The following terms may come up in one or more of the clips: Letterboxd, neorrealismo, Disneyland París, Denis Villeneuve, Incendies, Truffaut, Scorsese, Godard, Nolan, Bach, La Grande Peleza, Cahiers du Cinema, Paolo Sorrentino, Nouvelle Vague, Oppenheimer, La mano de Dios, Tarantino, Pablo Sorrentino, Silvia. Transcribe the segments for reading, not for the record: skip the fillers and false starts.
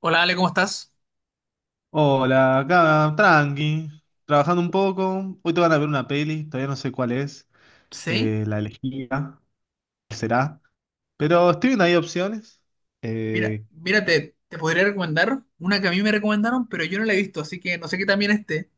Hola Ale, ¿cómo estás? Hola, acá, tranqui, trabajando un poco. Hoy te van a ver una peli, todavía no sé cuál es, Sí, la elegida, cuál será. Pero estoy viendo ahí opciones. mira, Eh, mira, te podría recomendar una que a mí me recomendaron, pero yo no la he visto, así que no sé qué también esté,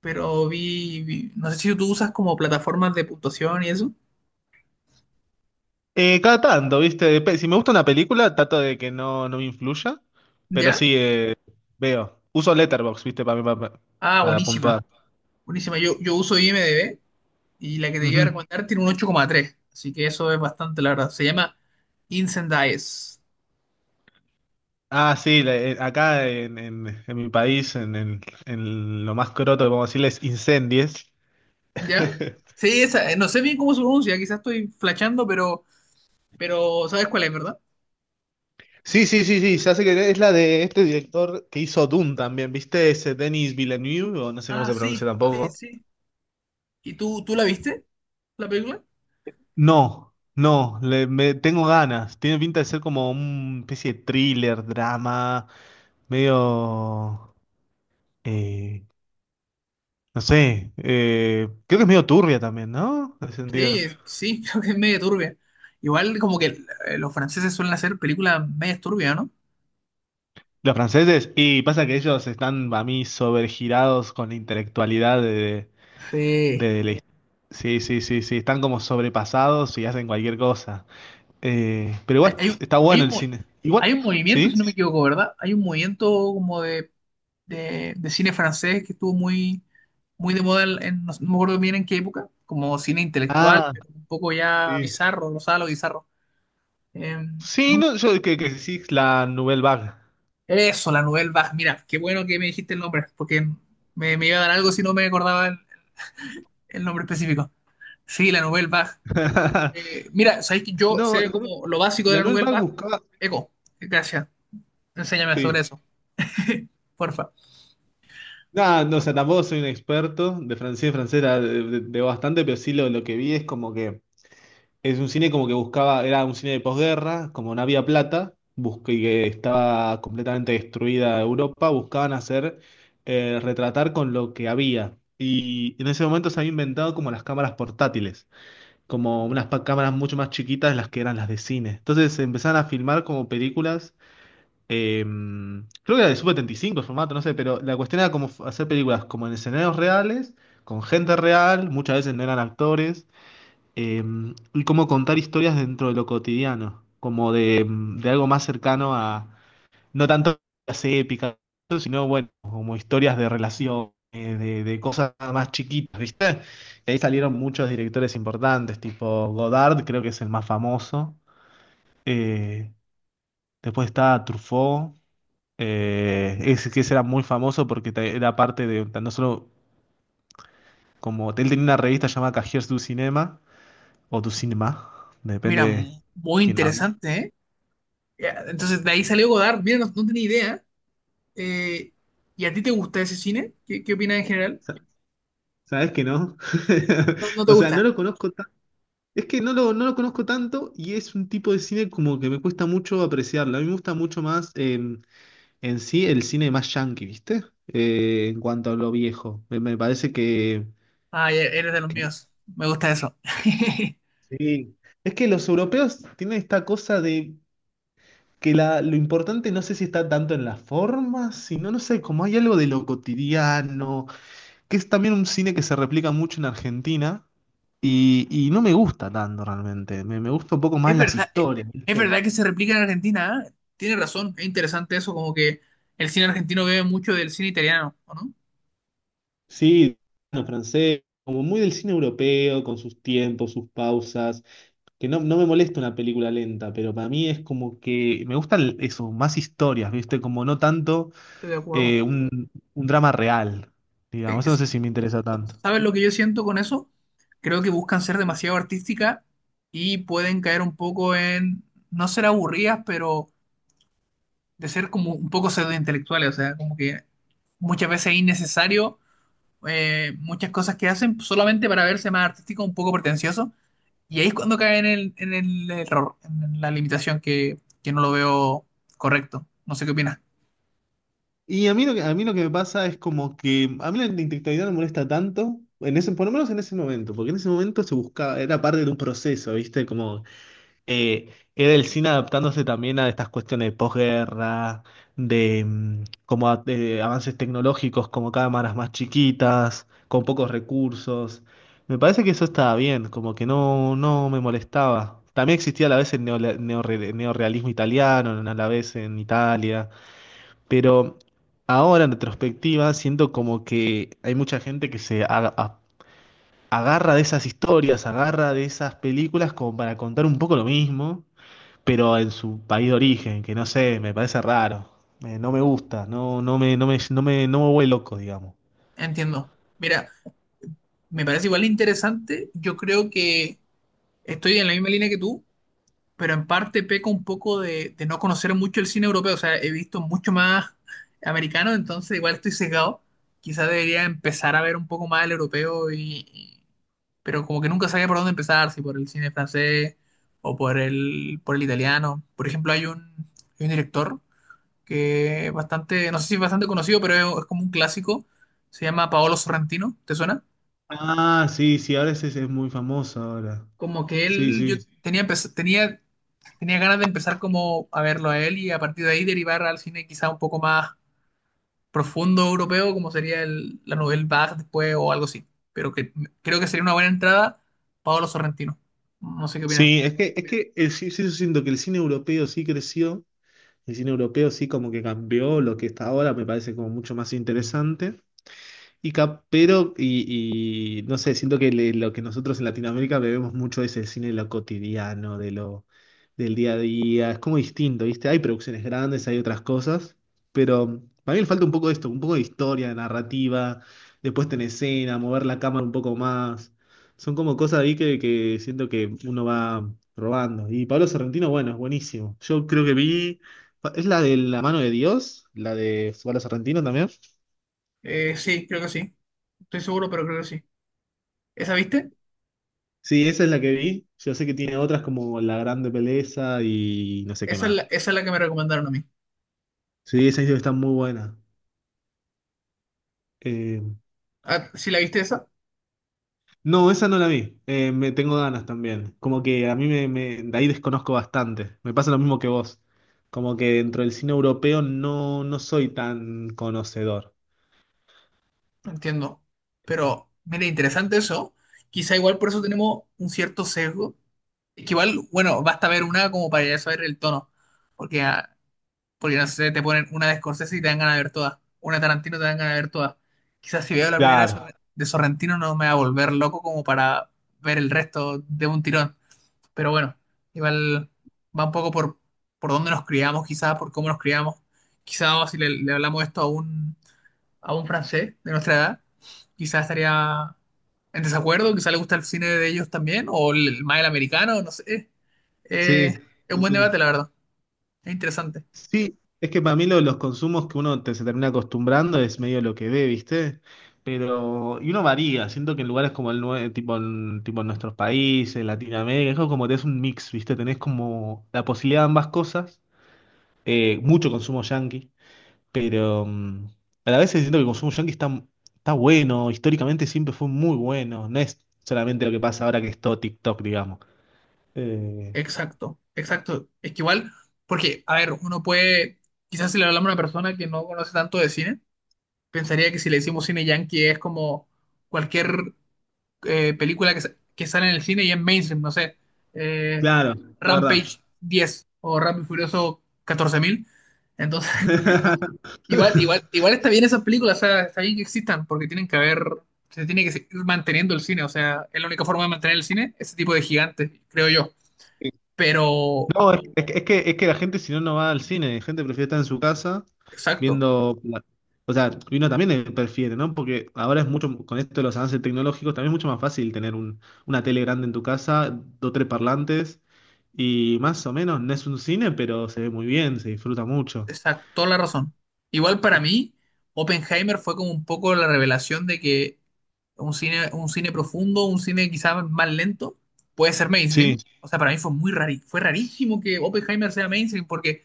pero no sé si tú usas como plataformas de puntuación y eso. Cada tanto, ¿viste? Si me gusta una película, trato de que no me influya. Pero ¿Ya? sí, veo. Uso Letterboxd, ¿viste? Para mí, pa- pa- Ah, para, buenísima, puntuar. buenísima, yo uso IMDb, y la que te iba a Ujú. recomendar tiene un 8,3, así que eso es bastante, la verdad. Se llama Incendies. Ah, sí, acá en mi país, en lo más croto que podemos decirles, incendies. ¿Ya? Sí, esa, no sé bien cómo se pronuncia, quizás estoy flasheando, pero sabes cuál es, ¿verdad? Sí, ya sé que es la de este director que hizo Dune también, ¿viste? Ese Denis Villeneuve, o no sé cómo Ah, se sí, pronuncia sí, tampoco. sí. ¿Y tú la viste, la película? No, no, le, me, Tengo ganas. Tiene pinta de ser como una especie de thriller, drama, medio... eh, no sé, creo que es medio turbia también, ¿no? En ese Sí, sentido. sí, creo que es medio turbia. Igual como que los franceses suelen hacer películas medio turbias, ¿no? Los franceses, y pasa que ellos están, para mí, sobregirados con la intelectualidad Sí. De la... Sí, están como sobrepasados y hacen cualquier cosa. Pero Hay, igual hay, un- está hay bueno un, el mo- cine. Igual, hay un movimiento, ¿sí? si no me equivoco, ¿verdad? Hay un movimiento como de cine francés que estuvo muy, muy de moda, no, no me acuerdo bien en qué época, como cine intelectual, Ah, pero un poco ya sí. bizarro, no sabes lo bizarro. Eh, Sí, no- no, que sí, la Nouvelle Vague. Eso, la Nouvelle Vague. Mira, qué bueno que me dijiste el nombre, porque me iba a dar algo si no me acordaba el nombre específico. Sí, la Nouvelle Vague. Mira, sabéis que yo No, sé el- como lo básico de la la Nouvelle Nouvelle Vague Vague. buscaba. Eco, gracias. Enséñame sobre Sí. eso, porfa. Nada, no, o sea, tampoco soy un experto de francés, francés la- de bastante, pero sí lo que vi es como que es un cine como que buscaba, era un cine de posguerra, como no había plata, y que estaba completamente destruida Europa, buscaban hacer, retratar con lo que había. Y en ese momento se había inventado como las cámaras portátiles, como cámaras mucho más chiquitas de las que eran las de cine. Entonces se empezaron a filmar como películas, eh, creo que era de Sub-75 el formato, no sé, pero la cuestión era como hacer películas como en escenarios reales, con gente real, muchas veces no eran actores, eh, y cómo contar historias dentro de lo cotidiano, como de algo más cercano a, no tanto las épicas, sino bueno, como historias de relación, de cosas más chiquitas, ¿viste? Y ahí salieron muchos directores importantes, tipo Godard, creo que es el más famoso. eh, Después está Truffaut, ese que ese era muy famoso porque era parte de, no solo como, él tenía una revista llamada Cahiers du Cinema, o du Cinema, Mira, depende muy quién hable. interesante, ¿eh? Ya, entonces, de ahí salió Godard. Mira, no, no tenía idea. Eh, ¿Y a ti te gusta ese cine? ¿Qué opinas en general? Sa- ¿Sabes que no? No, no te O sea, no gusta. lo conozco tan... Es que no no lo conozco tanto y es un tipo de cine como que me cuesta mucho apreciarlo. A mí me gusta mucho más, en sí el cine más yankee, ¿viste? En cuanto a lo viejo. Me parece Ay, eres de los que míos. Me gusta eso. sí. Es que los europeos tienen esta cosa de que lo importante no sé si está tanto en las formas, sino, no sé, como hay algo de lo cotidiano, que es también un cine que se replica mucho en Argentina y no me gusta tanto realmente. Me gusta un poco más Es las verdad, eh, historias, es ¿viste? verdad que se replica en Argentina, ¿eh? Tienes razón. Es interesante eso, como que el cine argentino bebe mucho del cine italiano, ¿o no? Sí, bueno, francés, como muy del cine europeo, con sus tiempos, sus pausas, que no me molesta una película lenta, pero para mí es como que me gustan eso, más historias, ¿viste? Como no tanto Estoy de acuerdo. Un drama real, eh, digamos. Eso no es- sé si me interesa tanto. ¿Sabes lo que yo siento con eso? Creo que buscan ser demasiado artísticas y pueden caer un poco en no ser aburridas, pero de ser como un poco pseudointelectuales. O sea, como que muchas veces es innecesario, muchas cosas que hacen solamente para verse más artístico, un poco pretencioso, y ahí es cuando caen en el error, en la limitación que no lo veo correcto. No sé qué opinas. Y a mí lo que me pasa es como que a mí la intelectualidad no me molesta tanto, en ese, por lo menos en ese momento, porque en ese momento se buscaba, era parte de un proceso, ¿viste? Como era el cine adaptándose también a estas cuestiones de posguerra, como de avances tecnológicos, como cámaras más chiquitas, con pocos recursos. Me parece que eso estaba bien, como que no me molestaba. También existía a la vez el neorrealismo italiano, a la vez en Italia. Pero ahora en retrospectiva siento como que hay mucha gente que agarra de esas historias, agarra de esas películas como para contar un poco lo mismo, pero en su país de origen, que no sé, me parece raro. No me gusta, no me vuelve loco, digamos. Entiendo. Mira, me parece igual interesante. Yo creo que estoy en la misma línea que tú, pero en parte peco un poco de no conocer mucho el cine europeo. O sea, he visto mucho más americano, entonces igual estoy sesgado. Quizás debería empezar a ver un poco más el europeo pero como que nunca sabía por dónde empezar, si por el cine francés o por el italiano. Por ejemplo, hay un director que es bastante, no sé si es bastante conocido, pero es como un clásico. Se llama Paolo Sorrentino, ¿te suena? Ah, sí, sí, ahora ese es muy famoso ahora. Como que Sí, él, yo sí. tenía, empe- tenía Tenía ganas de empezar como a verlo a él y a partir de ahí derivar al cine quizá un poco más profundo europeo, como sería la novela Bach después o algo así. Pero que creo que sería una buena entrada Paolo Sorrentino. No sé qué opinas. Sí, es que, sí, sí, yo siento que el cine europeo sí creció, el cine europeo sí como que cambió lo que está ahora, me parece como mucho más interesante. Y no sé, siento que lo que nosotros en Latinoamérica bebemos mucho es el cine de lo cotidiano, del día a día. Es como distinto, ¿viste? Hay producciones grandes, hay otras cosas, pero para mí le falta un poco de esto, un poco de historia, de narrativa, de puesta en escena, mover la cámara un poco más. Son como cosas ahí que siento que uno va robando. Y Pablo Sorrentino, bueno, es buenísimo. Yo creo que vi. ¿Es la de La mano de Dios? ¿La de Pablo Sorrentino también? Sí, creo que sí. Estoy seguro, pero creo que sí. ¿Esa viste? Sí, esa es la que vi. Yo sé que tiene otras como La Grande Peleza y no sé qué Esa es más. la, esa es la que me recomendaron a mí. Sí, esa está muy buena. Eh, Ah, ¿sí la viste esa? no, esa no la vi. Me tengo ganas también. Como que a mí de ahí desconozco bastante. Me pasa lo mismo que vos. Como que dentro del cine europeo no soy tan conocedor. Entiendo. Pero, mire, interesante eso. Quizá igual por eso tenemos un cierto sesgo. Que igual, bueno, basta ver una como para ya saber el tono. Porque ah, Porque no sé, te ponen una de Scorsese y te dan ganas de ver todas. Una de Tarantino te dan ganas de ver todas. Quizás si veo la primera de Claro. Sor- de Sorrentino no me va a volver loco como para ver el resto de un tirón. Pero bueno, igual va un poco por dónde nos criamos, quizás por cómo nos criamos. Quizás si le hablamos esto a un francés de nuestra edad, quizás estaría en desacuerdo, quizás le gusta el cine de ellos también, más el americano, no sé. Eh, Sí, es un sí, buen debate, sí. la verdad. Es interesante. Sí, es que para mí lo de los consumos que se termina acostumbrando es medio lo que ve, ¿viste? Pero, y uno varía, siento que en lugares como tipo tipo en nuestros países, Latinoamérica, es como tenés un mix, ¿viste? Tenés como la posibilidad de ambas cosas, mucho consumo yanqui, pero a la vez siento que el consumo yanqui está, está bueno, históricamente siempre fue muy bueno, no es solamente lo que pasa ahora que es todo TikTok, digamos. Eh, Exacto, exacto. Es que igual, porque, a ver, uno puede, quizás si le hablamos a una persona que no conoce tanto de cine, pensaría que si le decimos cine yankee es como cualquier, película que sale en el cine y es mainstream, no sé, eh, claro, la Rampage 10 o Rápido y Furioso 14.000. Entonces, verdad. igual, igual, igual está bien esas películas, o sea, está bien que existan, porque tienen que haber, se tiene que seguir manteniendo el cine. O sea, es la única forma de mantener el cine, ese tipo de gigantes, creo yo. Pero, No, es, es que es que la gente si no no va al cine, la gente prefiere estar en su casa exacto. viendo. O sea, y uno también le prefiere, ¿no? Porque ahora es mucho, con esto de los avances tecnológicos, también es mucho más fácil tener una tele grande en tu casa, dos, tres parlantes, y más o menos no es un cine, pero se ve muy bien, se disfruta mucho. Exacto, toda la razón. Igual para mí, Oppenheimer fue como un poco la revelación de que un cine profundo, un cine quizás más lento, puede ser mainstream. Sí, O sea, para mí fue fue rarísimo que Oppenheimer sea mainstream, porque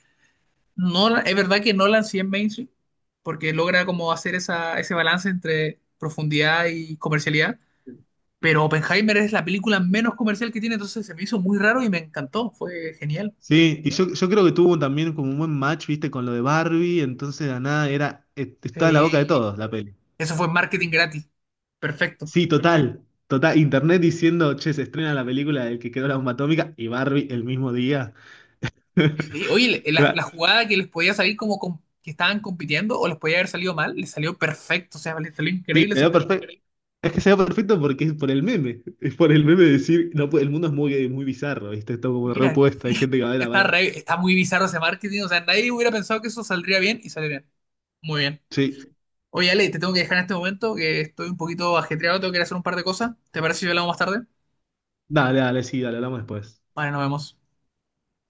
no, es verdad que Nolan sí es mainstream, porque logra como hacer ese balance entre profundidad y comercialidad, pero Oppenheimer es la película menos comercial que tiene, entonces se me hizo muy raro y me encantó, fue genial. sí, yo creo que tuvo también como un buen match, viste, con lo de Barbie, entonces de la nada era, estaba en la boca de Eh, todos la peli. eso fue marketing gratis, perfecto. Sí, total, total. Internet diciendo, che, se estrena la película del que quedó la bomba atómica y Barbie el mismo día. Sí, oye, la, Era- la jugada que les podía salir que estaban compitiendo o les podía haber salido mal, les salió perfecto, o sea, les salió Sí, increíble se esa dio jugada. perfecto. Es que se dio perfecto porque es por el meme. Es por el meme de decir, no, el mundo es muy, muy bizarro, ¿viste? Está como Mira, reopuesto, hay gente que va a ver a está, ver. re- está muy bizarro ese marketing, o sea, nadie hubiera pensado que eso saldría bien, y salió bien. Muy bien. Sí, Oye, Ale, te tengo que dejar en este momento, que estoy un poquito ajetreado, tengo que ir a hacer un par de cosas. ¿Te parece si hablamos más tarde? dale, dale, sí, dale, hablamos después. Vale, nos vemos.